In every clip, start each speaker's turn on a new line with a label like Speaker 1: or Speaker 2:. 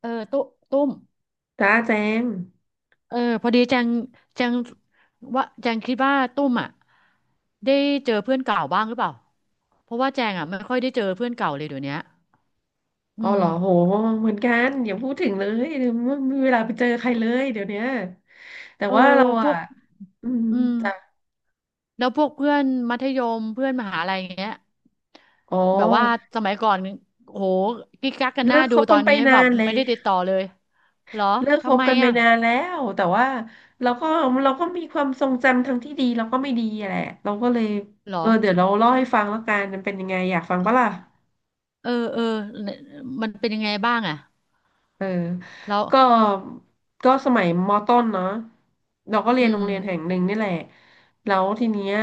Speaker 1: เออตุ้ตุ้ม
Speaker 2: จ้าแจง
Speaker 1: เออพอดีแจงแจงว่าแจงคิดว่าตุ้มอ่ะได้เจอเพื่อนเก่าบ้างหรือเปล่าเพราะว่าแจงอ่ะไม่ค่อยได้เจอเพื่อนเก่าเลยเดี๋ยวเนี้ยอื
Speaker 2: อ๋อ
Speaker 1: ม
Speaker 2: เหรอโหเหมือนกันอย่าพูดถึงเลยเดี๋ยวไม่มมีเวลาไปเจอใครเลยเดี๋ยวเนี้ยแต่
Speaker 1: เออ
Speaker 2: ว่าเรา
Speaker 1: พว
Speaker 2: อ่ะ
Speaker 1: ก
Speaker 2: อืม
Speaker 1: อืม
Speaker 2: จ้ะ
Speaker 1: แล้วพวกเพื่อนมัธยมเพื่อนมหาลัยอย่างเงี้ย
Speaker 2: อ๋อ
Speaker 1: แบบว่าสมัยก่อนโหกิ๊กกักกันหน้า
Speaker 2: เลิกค
Speaker 1: ดู
Speaker 2: บ
Speaker 1: ตอ
Speaker 2: กัน
Speaker 1: น
Speaker 2: ไป
Speaker 1: นี้แบ
Speaker 2: นา
Speaker 1: บ
Speaker 2: นเล
Speaker 1: ไม่
Speaker 2: ย
Speaker 1: ได้ติดต่อเลยเหรอ
Speaker 2: เลิกค
Speaker 1: ทำ
Speaker 2: บ
Speaker 1: ไม
Speaker 2: กันไป
Speaker 1: อ่ะ
Speaker 2: นานแล้วแต่ว่าเราก็เราก็มีความทรงจำทั้งที่ดีแล้วก็ไม่ดีอะแหละเราก็เลย
Speaker 1: เหรอ
Speaker 2: เออเดี๋ยวเราเล่าให้ฟังแล้วกันมันเป็นยังไงอยากฟังปะล่ะ
Speaker 1: เออเออมันเป็นยังไงบ้างอ่ะ
Speaker 2: เออ
Speaker 1: แล้ว
Speaker 2: ก็ก็สมัยมต้นเนาะเราก็เรี
Speaker 1: อื
Speaker 2: ยนโร
Speaker 1: ม
Speaker 2: งเรียนแห่งหนึ่งนี่แหละ แล้วทีเนี้ย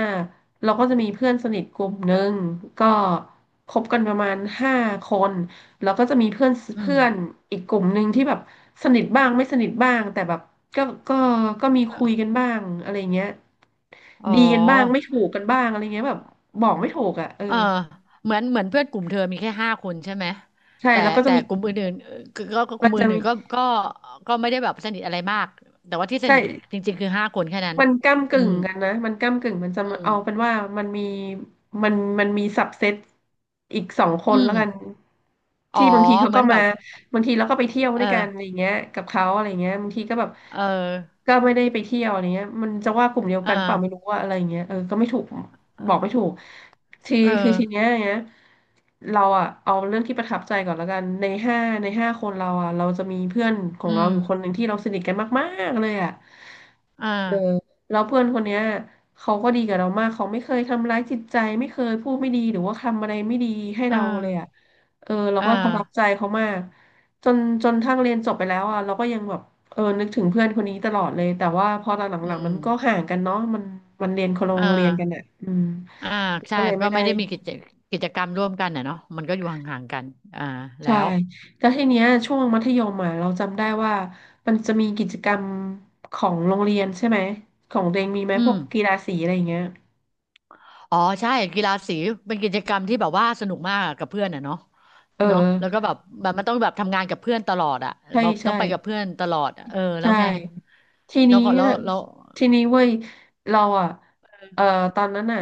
Speaker 2: เราก็จะมีเพื่อนสนิทกลุ่มหนึ่งก็คบกันประมาณห้าคน แล้วก็จะมีเพื่อน
Speaker 1: อืม
Speaker 2: เพื่อนอีกกลุ่มหนึ่งที่แบบ สนิทบ้างไม่สนิทบ้างแต่แบบ ก็ก็ก็มีคุยกันบ้างอะไรเงี้ย
Speaker 1: อ๋
Speaker 2: ดีกันบ้างไม่
Speaker 1: อ
Speaker 2: ถูกกันบ้างอะไรเงี้ยแบบบอกไม่ถูกอ่ะเออ
Speaker 1: เออเหมือนเหมือนเพื่อนกลุ่มเธอมีแค่ห้าคนใช่ไหม
Speaker 2: ใช่
Speaker 1: แต่
Speaker 2: แล้วก็จะ
Speaker 1: แต่
Speaker 2: มี
Speaker 1: กลุ่มอื่นๆก็ก็ก็ก
Speaker 2: มั
Speaker 1: ลุ่
Speaker 2: น
Speaker 1: ม
Speaker 2: จะ
Speaker 1: อื่
Speaker 2: มี
Speaker 1: นๆก็ก็ก็ไม่ได้แบบสนิทอะไรมากแต่ว่าที่ส
Speaker 2: ใช่
Speaker 1: นิทจริงๆคือห้าคนแค่นั้น
Speaker 2: มันก้ำ
Speaker 1: อื
Speaker 2: กึ่ง
Speaker 1: ม
Speaker 2: กันนะมันก้ำกึ่งมันจะ
Speaker 1: อืม
Speaker 2: เอาเป็นว่ามันมีมันมันมีสับเซตอีกสองค
Speaker 1: อื
Speaker 2: นแล้
Speaker 1: ม
Speaker 2: วกัน
Speaker 1: อ๋อ
Speaker 2: ที่บางทีเขา
Speaker 1: เหมื
Speaker 2: ก็
Speaker 1: อนแบ
Speaker 2: มา
Speaker 1: บ
Speaker 2: บางทีเราก็ไปเที่ยว
Speaker 1: เอ
Speaker 2: ด้วยกันอะไร
Speaker 1: อ
Speaker 2: เงี้ยกับเขาอะไรเงี้ยบางทีก็แบบ
Speaker 1: เออ
Speaker 2: ก็ไม่ได้ไปเที่ยวอะไรเงี้ยมันจะว่ากลุ่มเดียว
Speaker 1: เอ
Speaker 2: กันเปล่าไม่
Speaker 1: อ
Speaker 2: รู้ว่าอะไรเงี้ยเออก็ไม่ถูกบอกไม่ถูกที
Speaker 1: เออ
Speaker 2: คือทีเนี้ยเราอะเอาเรื่องที่ประทับใจก่อนแล้วกันในห้าคนเราอะเราจะมีเพื่อนขอ
Speaker 1: อื
Speaker 2: งเรา
Speaker 1: ม
Speaker 2: อยู่คนหนึ่งที่เราสนิทกันมากๆเลยอะ
Speaker 1: อ่า
Speaker 2: เออแล้วเพื่อนคนเนี้ยเขาก็ดีกับเรามากเขาไม่เคยทำร้ายจิตใจไม่เคยพูดไม่ดีหรือว่าทำอะไรไม่ดีให้
Speaker 1: อ่า
Speaker 2: เราเลยอ่ะเออเรา
Speaker 1: อ่า
Speaker 2: ก็ประทับใจเขามากจนจนทั้งเรียนจบไปแล้วอ่ะเราก็ยังแบบเออนึกถึงเพื่อนคนนี้ตลอดเลยแต่ว่าพอตอนห
Speaker 1: อื
Speaker 2: ลังๆมั
Speaker 1: ม
Speaker 2: นก็ห่างกันเนาะมันเรียนคนละโร
Speaker 1: อ่า
Speaker 2: งเรียนกันอ่ะอืม
Speaker 1: อ่าใช่
Speaker 2: ก็เลย
Speaker 1: ก็
Speaker 2: ไม่ได้
Speaker 1: ไม่ได้มีกิจกิจกรรมร่วมกันอ่ะเนาะมันก็อยู่ห่างๆกันอ่าแล้
Speaker 2: ใช่
Speaker 1: ว
Speaker 2: แล้วทีเนี้ยช่วงมัธยมอ่ะเราจำได้ว่ามันจะมีกิจกรรมของโรงเรียนใช่ไหมของตัวเองมีไหม
Speaker 1: อื
Speaker 2: พว
Speaker 1: ม
Speaker 2: กกีฬาสีอะไรอย่างเงี้ย
Speaker 1: อ๋อใช่กีฬาสีเป็นกิจกรรมที่แบบว่าสนุกมากอะกับเพื่อนอ่ะเนาะ
Speaker 2: เอ
Speaker 1: เนาะแล้วก็
Speaker 2: อ
Speaker 1: แบบแบบมันต้องแบบทำงานกับเพื่อนตลอดอ่ะ
Speaker 2: ใช่
Speaker 1: แบบต้
Speaker 2: ใช่
Speaker 1: องไปกับเพื่อนตลอดอะเออแล้ว
Speaker 2: ใช่
Speaker 1: ไง
Speaker 2: ที
Speaker 1: แล้
Speaker 2: นี้
Speaker 1: วก็
Speaker 2: เนี่
Speaker 1: แล้
Speaker 2: ย
Speaker 1: วแล้ว
Speaker 2: ทีนี้เว้ยเราอ่ะเออตอนนั้นอ่ะ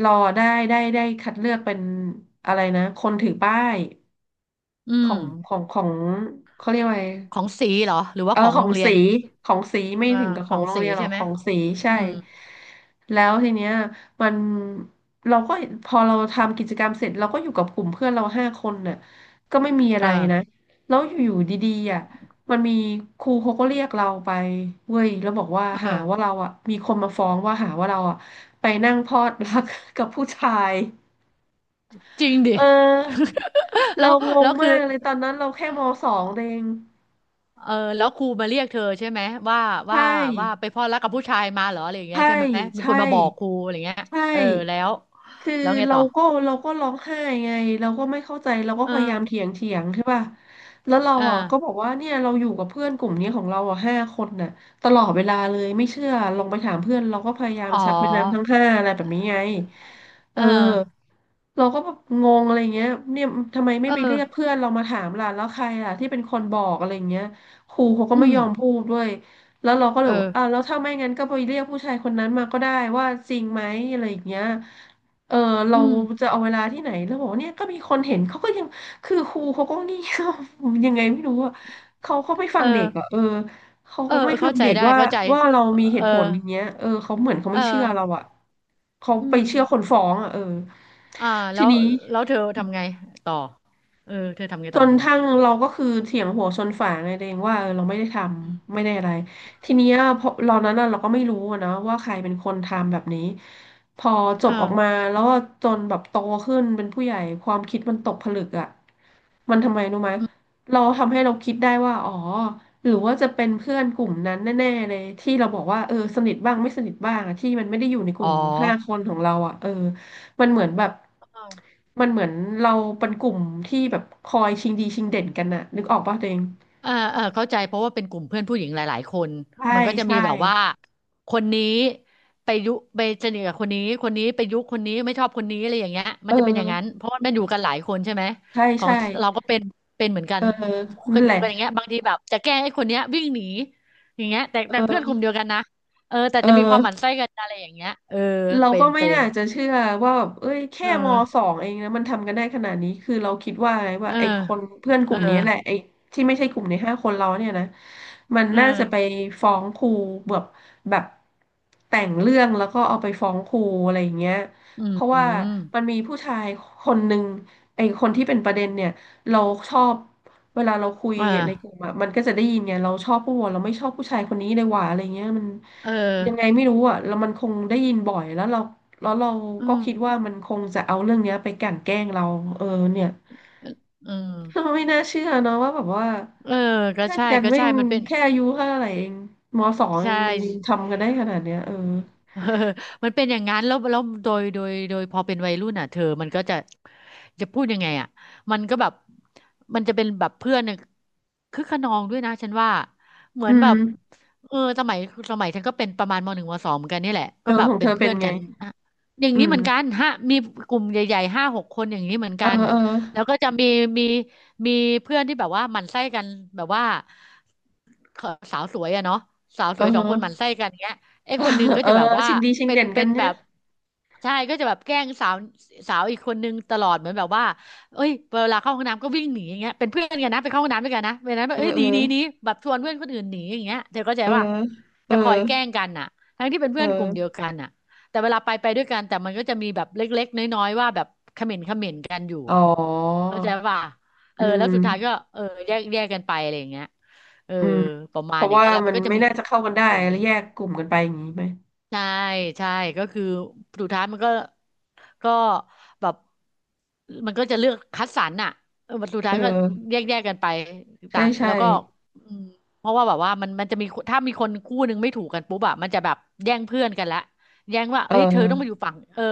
Speaker 2: เราอะได้คัดเลือกเป็นอะไรนะคนถือป้าย
Speaker 1: อื
Speaker 2: ขอ
Speaker 1: ม
Speaker 2: งของของเขาเรียกว่าไง
Speaker 1: ของสีเหรอหรือว่า
Speaker 2: เออ
Speaker 1: ของ
Speaker 2: ขอ
Speaker 1: โร
Speaker 2: ง
Speaker 1: งเรีย
Speaker 2: สี
Speaker 1: น
Speaker 2: ของสีไม่
Speaker 1: อ่า
Speaker 2: ถึงกับ
Speaker 1: ข
Speaker 2: ขอ
Speaker 1: อ
Speaker 2: ง
Speaker 1: ง
Speaker 2: โรง
Speaker 1: สี
Speaker 2: เรียนหร
Speaker 1: ใช่
Speaker 2: อก
Speaker 1: ไหม
Speaker 2: ของสีใช่
Speaker 1: อืม
Speaker 2: แล้วทีเนี้ยมันเราก็พอเราทำกิจกรรมเสร็จเราก็อยู่กับกลุ่มเพื่อนเราห้าคนน่ะก็ไม่มีอะ
Speaker 1: เอ
Speaker 2: ไรนะ
Speaker 1: อ
Speaker 2: แล้วอยู่ๆดีๆอ่ะมันมีครูเขาก็เรียกเราไปเว้ยแล้วบอกว่า
Speaker 1: เอ
Speaker 2: หา
Speaker 1: อ
Speaker 2: ว่าเราอ่ะมีคนมาฟ้องว่าหาว่าเราอ่ะไปนั่งพลอด รักกับผู้ชาย
Speaker 1: จริงดิ
Speaker 2: เออ
Speaker 1: แล้
Speaker 2: เรา
Speaker 1: ว
Speaker 2: ง
Speaker 1: แล้
Speaker 2: ง
Speaker 1: วคื
Speaker 2: มา
Speaker 1: อ
Speaker 2: กเลยตอนนั้นเราแค่มสองเอง
Speaker 1: เออแล้วครูมาเรียกเธอใช่ไหมว่าว่า
Speaker 2: ใช่
Speaker 1: ว่าไปพลอดรักกับผู้ชายมาเหรออะไรอย่างเงี้ย
Speaker 2: ใช่
Speaker 1: ใช่ไหมมีค
Speaker 2: ใช่
Speaker 1: นมาบอกครูอะไรอย่างเงี้ย
Speaker 2: ใช่
Speaker 1: เออแล้ว
Speaker 2: คือ
Speaker 1: แล้วไง
Speaker 2: เรา
Speaker 1: ต่อ
Speaker 2: ก็เราก็ร้องไห้ไงเราก็ไม่เข้าใจเราก็
Speaker 1: เออ
Speaker 2: พยายามเถียงใช่ป่ะแล้วเรา
Speaker 1: เอ
Speaker 2: อ่ะก็บ
Speaker 1: อ
Speaker 2: อกว่าเนี่ยเราอยู่กับเพื่อนกลุ่มนี้ของเราอ่ะห้าคนน่ะตลอดเวลาเลยไม่เชื่อลองไปถามเพื่อนเราก็พยายาม
Speaker 1: อ๋อ
Speaker 2: ชักแม่น้ำทั้งห้าอะไรแบบนี้ไงเอ
Speaker 1: เอ
Speaker 2: อ
Speaker 1: อ
Speaker 2: เราก็แบบงงอะไรเงี้ยเนี่ยทำไมไม่
Speaker 1: เอ
Speaker 2: ไป
Speaker 1: อ
Speaker 2: เรียกเพื่อนเรามาถามล่ะแล้วใครล่ะที่เป็นคนบอกอะไรเงี้ยครูเขาก็
Speaker 1: อื
Speaker 2: ไม่
Speaker 1: ม
Speaker 2: ยอมพูดด้วยแล้วเราก็เลย
Speaker 1: เอ
Speaker 2: บอก
Speaker 1: อ
Speaker 2: อ่ะแล้วถ้าไม่งั้นก็ไปเรียกผู้ชายคนนั้นมาก็ได้ว่าจริงไหมอะไรอย่างเงี้ยเออเรา
Speaker 1: อืม
Speaker 2: จะเอาเวลาที่ไหนแล้วบอกว่าเนี่ยก็มีคนเห็นเขาก็ยังคือครูเขาก็เงี่ยัง ไงไม่รู้อ่ะเขาไม่ฟั
Speaker 1: เออ
Speaker 2: งเด็กอ่ะเออ เขา
Speaker 1: เออ
Speaker 2: ก็ไม่ฟั
Speaker 1: เข้า
Speaker 2: ง
Speaker 1: ใจ
Speaker 2: เด็ก
Speaker 1: ได้
Speaker 2: ว่า
Speaker 1: เข้าใจ
Speaker 2: ว่าเรามีเห
Speaker 1: เอ
Speaker 2: ตุ
Speaker 1: อ
Speaker 2: ผลอย่างเงี้ย เออเขาเหมือนเขา
Speaker 1: เออ
Speaker 2: ไม่เชื่อเราอะเขา
Speaker 1: อื
Speaker 2: ไป
Speaker 1: ม
Speaker 2: เชื่อคนฟ้องอะเออ
Speaker 1: อ่าแล้
Speaker 2: ที
Speaker 1: ว
Speaker 2: นี้
Speaker 1: แล้วเธอทำไงต่อ เออเธอทำไง
Speaker 2: จ
Speaker 1: ต่อ
Speaker 2: น
Speaker 1: ทีเนี้ย
Speaker 2: ทั้งเราก็คือเถียงหัวชนฝาไงตัวเองว่าเออเราไม่ได้ทำไม่ได้อะไรทีเนี้ยพอเรานั้นน่ะเราก็ไม่รู้อะนะว่าใครเป็นคนทำแบบนี้พอจ
Speaker 1: เอ
Speaker 2: บออกมา
Speaker 1: อ
Speaker 2: แล้วก็จนแบบโตขึ้นเป็นผู้ใหญ่ความคิดมันตกผลึกอ่ะมันทำไมรู้ไหม
Speaker 1: อืม
Speaker 2: เราทำให้เราคิดได้ว่าอ๋อหรือว่าจะเป็นเพื่อนกลุ่มนั้นแน่ๆเลยที่เราบอกว่าเออสนิทบ้างไม่สนิทบ้างอะที่มันไม่ได้อยู่ในก
Speaker 1: อ๋อ
Speaker 2: ลุ่มห้าคนของเราอ่ะเออ มันเหมือนแบบมันเหมือนเราเป็นกลุ่มที่แบบคอยชิงดีชิงเด่นกันน่ะนึกออกป่ะตัวเอง
Speaker 1: เออเออเข้าใจเพราะว่าเป็นกลุ่มเพื่อนผู้หญิงหลายๆคน
Speaker 2: ใช่
Speaker 1: มันก็จะมี
Speaker 2: ใช่
Speaker 1: แบบว่า คนนี้ไปยุไปสนิทกับคนนี้คนนี้ไปยุคนนี้ไม่ชอบคนนี้อะไรอย่างเงี้ยมั
Speaker 2: เอ
Speaker 1: นจะเป็นอย่างนั้น
Speaker 2: อ
Speaker 1: เพราะว่ามันอยู่กันหลายคนใช่ไหม
Speaker 2: ใช่
Speaker 1: ของ
Speaker 2: ใช่
Speaker 1: เราก็เป็นเป็นเหมือนกั
Speaker 2: เอ
Speaker 1: น
Speaker 2: อ
Speaker 1: เค
Speaker 2: นั่
Speaker 1: ย
Speaker 2: นแห
Speaker 1: ดู
Speaker 2: ละ
Speaker 1: กันอย่างเงี้ยบางทีแบบจะแกล้งไอ้คนเนี้ยวิ่งหนีอย่างเงี้ยแต่แต่
Speaker 2: เ
Speaker 1: เพื่อนกลุ่มเดียวกันนะเออแต่จะมีความหมั่น
Speaker 2: ออ
Speaker 1: ไส้กันอะไรอย่างเงี้ยเออ
Speaker 2: เรา
Speaker 1: เป็
Speaker 2: ก็
Speaker 1: น
Speaker 2: ไม่
Speaker 1: เป็น
Speaker 2: น่าจะเชื่อว่าแบบเอ้ย
Speaker 1: เ
Speaker 2: แค่มส
Speaker 1: ออ
Speaker 2: องเองนะมันทำกันได้ขนาดนี้คือเราคิดว่าไง
Speaker 1: เอ
Speaker 2: ว่า
Speaker 1: อ
Speaker 2: ไอ้คนเพื่อนก
Speaker 1: เออ
Speaker 2: ลุ่มนี้แหละไอ้ที่ไม่ใช่กลุ่มในห้าคนเราเนี่ยนะมัน
Speaker 1: เออ
Speaker 2: น่าจะไปฟ้องครูแบบแบบแต่งเรื่องแล้วก็เอาไปฟ้องครูอะไรอย่างเงี้ย
Speaker 1: อื
Speaker 2: เพราะว่า
Speaker 1: ม
Speaker 2: มันมีผู้ชายคนหนึ่งไอ้คนที่เป็นประเด็นเนี่ย เราชอบเวลาเราคุย
Speaker 1: อ่า
Speaker 2: ในกลุ่มอะมันก็จะได้ยินไงเราชอบผู้วะเราไม่ชอบผู้ชายคนนี้เลยว่ะอะไรเงี้ยมัน
Speaker 1: เออ
Speaker 2: ยังไงไม่รู้อะแล้วมันคงได้ยินบ่อยแล้วเราแล้วเรา
Speaker 1: อื
Speaker 2: ก็
Speaker 1: ม
Speaker 2: คิดว่ามันคงจะเอาเรื่องเนี้ยไปกลั่นแกล้งเราเออเนี่ย
Speaker 1: เออ
Speaker 2: เราไม่น่าเชื่อเนอะว่าแบบว่า
Speaker 1: เออก็
Speaker 2: เล่น
Speaker 1: ใช่
Speaker 2: กัน
Speaker 1: ก็
Speaker 2: แม่
Speaker 1: ใช่
Speaker 2: ง
Speaker 1: มันเป็น
Speaker 2: แค่อายุเท่าไหร่เองมสองเอ
Speaker 1: ใช่
Speaker 2: งมันยังทำกันได้ขนาดเนี้ยเออ
Speaker 1: เออมันเป็นอย่างนั้นแล้วแล้วโดยโดยโดยพอเป็นวัยรุ่นอ่ะเธอมันก็จะจะพูดยังไงอ่ะมันก็แบบมันจะเป็นแบบเพื่อนเนี่ยคึกขนองด้วยนะฉันว่าเหมื
Speaker 2: อื
Speaker 1: อนแบบ
Speaker 2: ม
Speaker 1: เออสมัยสมัยฉันก็เป็นประมาณมหนึ่งมสองเหมือนกันนี่แหละ
Speaker 2: เอ
Speaker 1: ก็
Speaker 2: อ
Speaker 1: แบบ
Speaker 2: ของ
Speaker 1: เป็
Speaker 2: เธ
Speaker 1: น
Speaker 2: อเป็
Speaker 1: เพื่อ
Speaker 2: น
Speaker 1: น
Speaker 2: ไง
Speaker 1: กันอ่ะอย่าง
Speaker 2: อื
Speaker 1: นี้เห
Speaker 2: ม
Speaker 1: มือนกันฮะมีกลุ่มใหญ่ๆห้าหกคนอย่างนี้เหมือน
Speaker 2: เออ
Speaker 1: กัน
Speaker 2: เออ
Speaker 1: แล้วก็จะมีมีมีเพื่อนที่แบบว่าหมั่นไส้กันแบบว่าสาวสวยอะเนาะสาว
Speaker 2: เอ
Speaker 1: ส
Speaker 2: อ
Speaker 1: วยส
Speaker 2: เอ
Speaker 1: อง
Speaker 2: อ
Speaker 1: คนหมั่นไส้กันเงี้ย ไอ้คนหนึง ก็
Speaker 2: เออ
Speaker 1: จะแบบว่า
Speaker 2: ชิงดีชิง
Speaker 1: เป็น
Speaker 2: เด่นกั
Speaker 1: เป็
Speaker 2: น
Speaker 1: น
Speaker 2: เนี่
Speaker 1: แบ
Speaker 2: ย
Speaker 1: บใช่ก็จะแบบแกล้งสาวสาวอีกคนนึงตลอดเหมือนแบบว่าเอ้ยเวลาเข้าห้องน้ำก็วิ่งหนีอย่างเงี้ยเป็นเพื่อนกันนะไปเข้าห้องน้ำด้วยกันนะเวลานั้นแบ
Speaker 2: เอ
Speaker 1: บ
Speaker 2: อ
Speaker 1: เอ้ย
Speaker 2: เอ
Speaker 1: หนี
Speaker 2: อ
Speaker 1: หนีหนีแบบชวนเพื่อนคนอื่นหนีอย่างเงี้ยเธอเข้าใจ
Speaker 2: เออ
Speaker 1: ป่ะ
Speaker 2: เออ
Speaker 1: จะคอยแกล้งกันน่ะทั้งที่เป็น
Speaker 2: เ
Speaker 1: เพื่อนกลุ่มเดีย
Speaker 2: ออ
Speaker 1: วกันน่ะแต่เวลาไปไปด้วยกันแต่มันก็จะมีแบบเล็กๆน้อยๆว่าแบบเขม่นเขม่นกันอยู่
Speaker 2: อ๋อ
Speaker 1: อ่ะเข้าใจป่ะเอ
Speaker 2: อื
Speaker 1: อแล้
Speaker 2: ม
Speaker 1: วสุดท้ายก็เออแยกแยกกันไปอะไรอย่างเงี้ยเออ
Speaker 2: อืม
Speaker 1: ประ
Speaker 2: เพ
Speaker 1: มาณ
Speaker 2: ราะ
Speaker 1: อย่าง
Speaker 2: ว่า
Speaker 1: นั้นแหละ
Speaker 2: มั
Speaker 1: มัน
Speaker 2: น
Speaker 1: ก็จะ
Speaker 2: ไม่
Speaker 1: มี
Speaker 2: น่าจะเข้ากันได้
Speaker 1: เปลี่ยน
Speaker 2: แล้
Speaker 1: กั
Speaker 2: ว
Speaker 1: น
Speaker 2: แยกกลุ่มกันไปอย่างนี้ไหม
Speaker 1: ใช่ใช่ก็คือสุดท้ายมันก็ก็แบบมันก็จะเลือกคัดสรรน่ะเออสุด
Speaker 2: เอ
Speaker 1: ท้ายก็
Speaker 2: อ
Speaker 1: แยกแยกกันไป
Speaker 2: ใช่
Speaker 1: ต่าง
Speaker 2: ใช่
Speaker 1: แล้วก็อืมเพราะว่าแบบว่ามันมันจะมีถ้ามีคนคู่หนึ่งไม่ถูกกันปุ๊บอะมันจะแบบแย่งเพื่อนกันละแย่งว่า
Speaker 2: เอ
Speaker 1: เฮ้ยเธอต้องมาอยู่
Speaker 2: อ
Speaker 1: ฝั่งเออ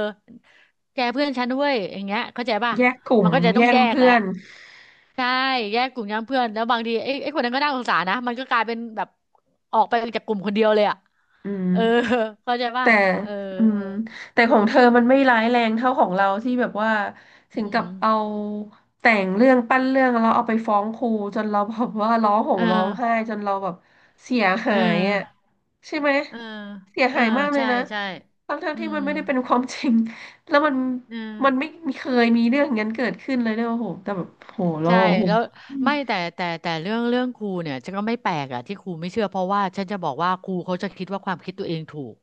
Speaker 1: แกเพื่อนฉันด้วยอย่างเงี้ยเข้าใจป่ะ
Speaker 2: แยกกลุ่
Speaker 1: มั
Speaker 2: ม
Speaker 1: นก็จะต้
Speaker 2: แย
Speaker 1: อง
Speaker 2: ก
Speaker 1: แยกแห
Speaker 2: เพื่
Speaker 1: ละ
Speaker 2: อน
Speaker 1: ใช่แยกกลุ่มย้ำเพื่อนแล้วบางทีไอ้ไอ้คนนั้นก็น่าสงสารนะมันก็กลายเป็นแบบออกไปจากกลุ่มคนเดียวเลยอ่ะ
Speaker 2: อืม
Speaker 1: เออเข้าใจป่ะ
Speaker 2: แต่
Speaker 1: เออ
Speaker 2: อืมแต่ของเธอมันไม่ร้ายแรงเท่าของเราที่แบบว่าถึ
Speaker 1: อื
Speaker 2: งกับเอา
Speaker 1: ม
Speaker 2: แต่งเรื่องปั้นเรื่องแล้วเอาไปฟ้องครูจนเราแบบว่าร้องห่ม
Speaker 1: เออ
Speaker 2: ร้องไห้จนเราแบบเสียหา
Speaker 1: เออ
Speaker 2: ยอ่ะ ใช่ไหม
Speaker 1: เออ
Speaker 2: เสีย
Speaker 1: เออ
Speaker 2: หายมากเลย
Speaker 1: ใช่
Speaker 2: นะ
Speaker 1: ใช่
Speaker 2: ทั้ง
Speaker 1: อื
Speaker 2: ที่
Speaker 1: ม
Speaker 2: มันไม่ได้เป็นความจริง แล้วมัน
Speaker 1: เอ
Speaker 2: ไม่
Speaker 1: อ
Speaker 2: มีเคยมีเรื่องอย่างนั้นเกิดขึ้นเลยด้วยโอ้โหแต่แบบโหเรา
Speaker 1: ใช่
Speaker 2: โอ้โห
Speaker 1: แล้ว
Speaker 2: อืม
Speaker 1: ไม่แต่เรื่องครูเนี่ยฉันก็ไม่แปลกอะที่ครูไม่เชื่อเพราะว่าฉันจะบอกว่าครูเขาจะคิดว่าความคิดตัวเองถูก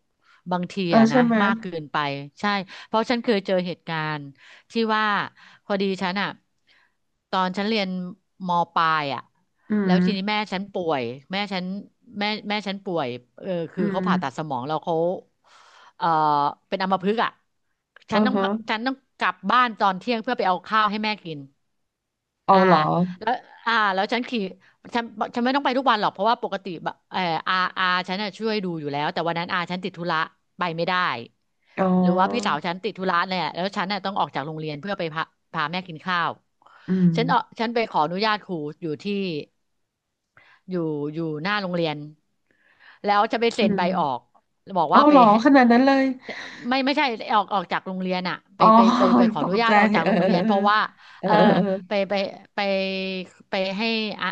Speaker 1: บางที
Speaker 2: เออ
Speaker 1: อะ
Speaker 2: ใช่
Speaker 1: นะ
Speaker 2: ไหม
Speaker 1: มากเกินไปใช่เพราะฉันเคยเจอเหตุการณ์ที่ว่าพอดีฉันอะตอนฉันเรียนมปลายอะ
Speaker 2: อื
Speaker 1: แล้ว
Speaker 2: ม
Speaker 1: ทีนี้แม่ฉันป่วยแม่ฉันแม่ฉันป่วยเออ
Speaker 2: อื
Speaker 1: คือ
Speaker 2: ม
Speaker 1: เขาผ่าตัดสมองแล้วเขาเออเป็นอัมพฤกษ์อะฉั
Speaker 2: อื
Speaker 1: น
Speaker 2: อ
Speaker 1: ต้อง
Speaker 2: ฮะ
Speaker 1: ฉันต้องกลับบ้านตอนเที่ยงเพื่อไปเอาข้าวให้แม่กิน
Speaker 2: เอา
Speaker 1: อ่า
Speaker 2: เหรอ
Speaker 1: แล้วอ่าแล้วฉันขี่ฉันฉันไม่ต้องไปทุกวันหรอกเพราะว่าปกติแบบเอออาฉันน่ะช่วยดูอยู่แล้วแต่วันนั้นอาฉันติดธุระไปไม่ได้
Speaker 2: อ๋อ
Speaker 1: หรือว่าพี่สาวฉันติดธุระเนี่ยแล้วฉันน่ะต้องออกจากโรงเรียนเพื่อไปพาพาแม่กินข้าว
Speaker 2: อืม
Speaker 1: เออฉันไปขออนุญาตครูอยู่ที่อยู่อยู่หน้าโรงเรียนแล้วจะไป
Speaker 2: อื
Speaker 1: เซ็นใบออก
Speaker 2: ม
Speaker 1: บอก
Speaker 2: เอา
Speaker 1: ว่าไป
Speaker 2: เหรอ
Speaker 1: ให้
Speaker 2: ขนาดนั้นเลย
Speaker 1: ไม่ไม่ใช่ออกจากโรงเรียนอะ
Speaker 2: อ๋อ
Speaker 1: ไป ขอ
Speaker 2: ต
Speaker 1: อ
Speaker 2: ก
Speaker 1: นุญา
Speaker 2: ใจ
Speaker 1: ตออกจาก
Speaker 2: เออ
Speaker 1: โรงเรียนเพราะว่า
Speaker 2: เ
Speaker 1: เออไป
Speaker 2: ออ
Speaker 1: ไปไปไปให้อะ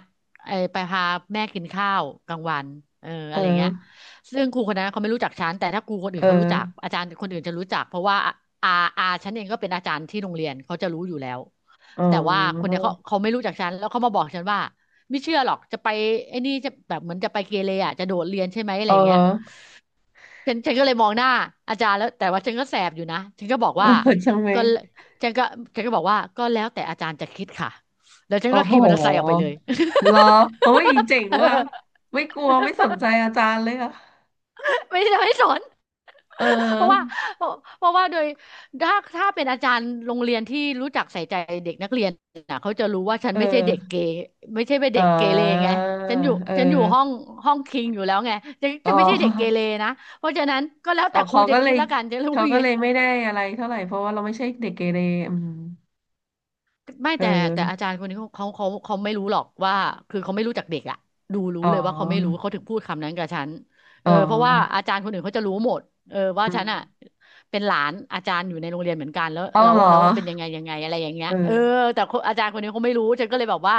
Speaker 1: เออไปพาแม่กินข้าวกลางวันเออ
Speaker 2: เอ
Speaker 1: อะไรเงี้ย
Speaker 2: อ
Speaker 1: ซึ่งครูคนนั้นเขาไม่รู้จักฉันแต่ถ้าครูคนอื่
Speaker 2: เอ
Speaker 1: นเขารู้จัก
Speaker 2: อ
Speaker 1: อาจารย์คนอื่นจะรู้จักเพราะว่าอาฉันเองก็เป็นอาจารย์ที่โรงเรียนเขาจะรู้อยู่แล้ว
Speaker 2: เออ
Speaker 1: แต่ว่าคน
Speaker 2: เออ
Speaker 1: เนี้ยเขาไม่รู้จักฉันแล้วเขามาบอกฉันว่าไม่เชื่อหรอกจะไปไอ้นี่จะแบบเหมือนจะไปเกเรอ่ะจะโดดเรียนใช่ไหมอะ
Speaker 2: เอ
Speaker 1: ไร
Speaker 2: อเออ
Speaker 1: เงี้ย
Speaker 2: เออ
Speaker 1: ฉันก็เลยมองหน้าอาจารย์แล้วแต่ว่าฉันก็แสบอยู่นะฉันก็บอก
Speaker 2: เออ
Speaker 1: ว่า
Speaker 2: ใช่ไหม
Speaker 1: ก็ฉันก็ฉันก็บอกว่าก็แล้วแต่อาจารย์จะคิดค่ะแล้วฉัน
Speaker 2: โอ้
Speaker 1: ก็
Speaker 2: โห
Speaker 1: ขี่มอเตอร์ไซค์ออกไปเลย
Speaker 2: เหรอโอ้ยเจ๋ง ว่ะ
Speaker 1: เออ
Speaker 2: ไม่กลัวไม่สนใจอาจารย์เลยอะ
Speaker 1: ไม่ได้ไม่สน
Speaker 2: เ
Speaker 1: เพราะว่า
Speaker 2: ออ
Speaker 1: เพราะเพราะว่าโดยถ้าถ้าเป็นอาจารย์โรงเรียนที่รู้จักใส่ใจเด็กนักเรียนนะเขาจะรู้ว่าฉัน
Speaker 2: เอ
Speaker 1: ไม่ใช่เด็ก
Speaker 2: อ
Speaker 1: เกเรไม่ใช่เป็น
Speaker 2: เอ่
Speaker 1: เด็กเกเรไง
Speaker 2: าเอ
Speaker 1: ฉันอยู่
Speaker 2: อ
Speaker 1: ห้องคิงอยู่แล้วไง
Speaker 2: อ๋
Speaker 1: ฉันไม่ใช่เด็กเกเร
Speaker 2: อ
Speaker 1: นะเพราะฉะนั้นก็แล้ว
Speaker 2: อ๋อ
Speaker 1: แต่ครู
Speaker 2: เขา
Speaker 1: จะ
Speaker 2: ก็เล
Speaker 1: คิด
Speaker 2: ย
Speaker 1: แล้วกันฉันรู้
Speaker 2: เขา
Speaker 1: อย่าง
Speaker 2: ก็
Speaker 1: งี้
Speaker 2: เลยไม่ได้อะไรเท่าไหร่เพราะว่าเราไม่ใช่เด็กเกเรอืม
Speaker 1: ไม่
Speaker 2: เ
Speaker 1: แต่อา
Speaker 2: ออ
Speaker 1: จารย์คนนี้เขาไม่รู้หรอกว่าคือเขาไม่รู้จากเด็กอะดูรู้
Speaker 2: อ๋อ
Speaker 1: เลยว่าเขาไม่รู้เขาถึงพูดคำนั้นกับฉันเอ
Speaker 2: อ๋อ
Speaker 1: อเพราะว่าอาจารย์คนอื่นเขาจะรู้หมดเออว่า
Speaker 2: อื
Speaker 1: ฉั
Speaker 2: ม
Speaker 1: นอะเป็นหลานอาจารย์อยู่ในโรงเรียนเหมือนกัน
Speaker 2: เอ้าเหรอ
Speaker 1: แล้วเป็นยังไงยังไงอะไรอย่างเงี้ย
Speaker 2: เอ
Speaker 1: เออ
Speaker 2: อ
Speaker 1: แต่คนอาจารย์คนนี้เขาไม่รู้ฉันก็เลยแบบว่า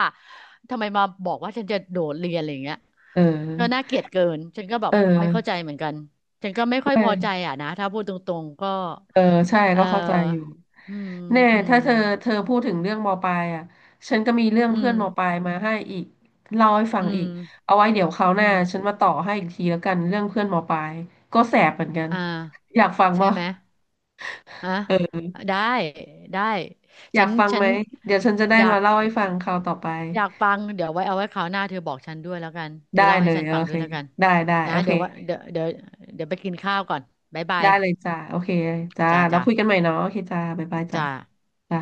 Speaker 1: ทำไมมาบอกว่าฉันจะโดดเรียนอะไรอย่างเงี้ย
Speaker 2: เออ
Speaker 1: ก็น่าเกลียดเกินฉันก็แบบไม่เข้าใจเหมือนกันฉันก็ไม่ค่อยพอใจ
Speaker 2: เออ
Speaker 1: อะนะถ้าพูดตรงๆก็
Speaker 2: เออใช่
Speaker 1: เอ
Speaker 2: ก็เข้าใจอยู่
Speaker 1: ออืม
Speaker 2: แน่
Speaker 1: อืม
Speaker 2: ถ้าเธอเธอพูดถึงเรื่องมปลายอ่ะฉันก็มีเรื่อง
Speaker 1: อื
Speaker 2: เพื่
Speaker 1: ม
Speaker 2: อนมปลายมาให้อีกเล่าให้ฟั
Speaker 1: อื
Speaker 2: งอีก
Speaker 1: ม
Speaker 2: เอาไว้เดี๋ยวคราวห
Speaker 1: อื
Speaker 2: น้า
Speaker 1: ม
Speaker 2: ฉันมาต่อให้อีกทีแล้วกันเรื่องเพื่อนมปลายก็แสบเหมือนกัน
Speaker 1: อ่า
Speaker 2: อยากฟัง
Speaker 1: ใช่
Speaker 2: ป่ะ
Speaker 1: ไหมฮะ
Speaker 2: เออ
Speaker 1: ได้ได้
Speaker 2: อยากฟัง
Speaker 1: ฉั
Speaker 2: ไหม
Speaker 1: น
Speaker 2: เดี๋ยวฉันจะได้
Speaker 1: อยา
Speaker 2: มา
Speaker 1: ก
Speaker 2: เล่าให้ฟังคราวต่อไป
Speaker 1: อยากฟังเดี๋ยวไว้เอาไว้คราวหน้าเธอบอกฉันด้วยแล้วกันเธอ
Speaker 2: ได้
Speaker 1: เล่า
Speaker 2: เล
Speaker 1: ให้
Speaker 2: ย
Speaker 1: ฉัน
Speaker 2: โอ
Speaker 1: ฟังด้
Speaker 2: เค
Speaker 1: วยแล้วกัน
Speaker 2: ได้
Speaker 1: นะ
Speaker 2: โอเค
Speaker 1: เดี๋ยวว่าเดี๋ยวไปกินข้าวก่อนบ๊ายบาย
Speaker 2: ได้เลยจ้าโอเคจ้า
Speaker 1: จ้า
Speaker 2: แล้ว
Speaker 1: จ้า
Speaker 2: คุยกันใหม่เนาะโอเคจ้าบ๊ายบายจ้า
Speaker 1: จ้า
Speaker 2: จ้า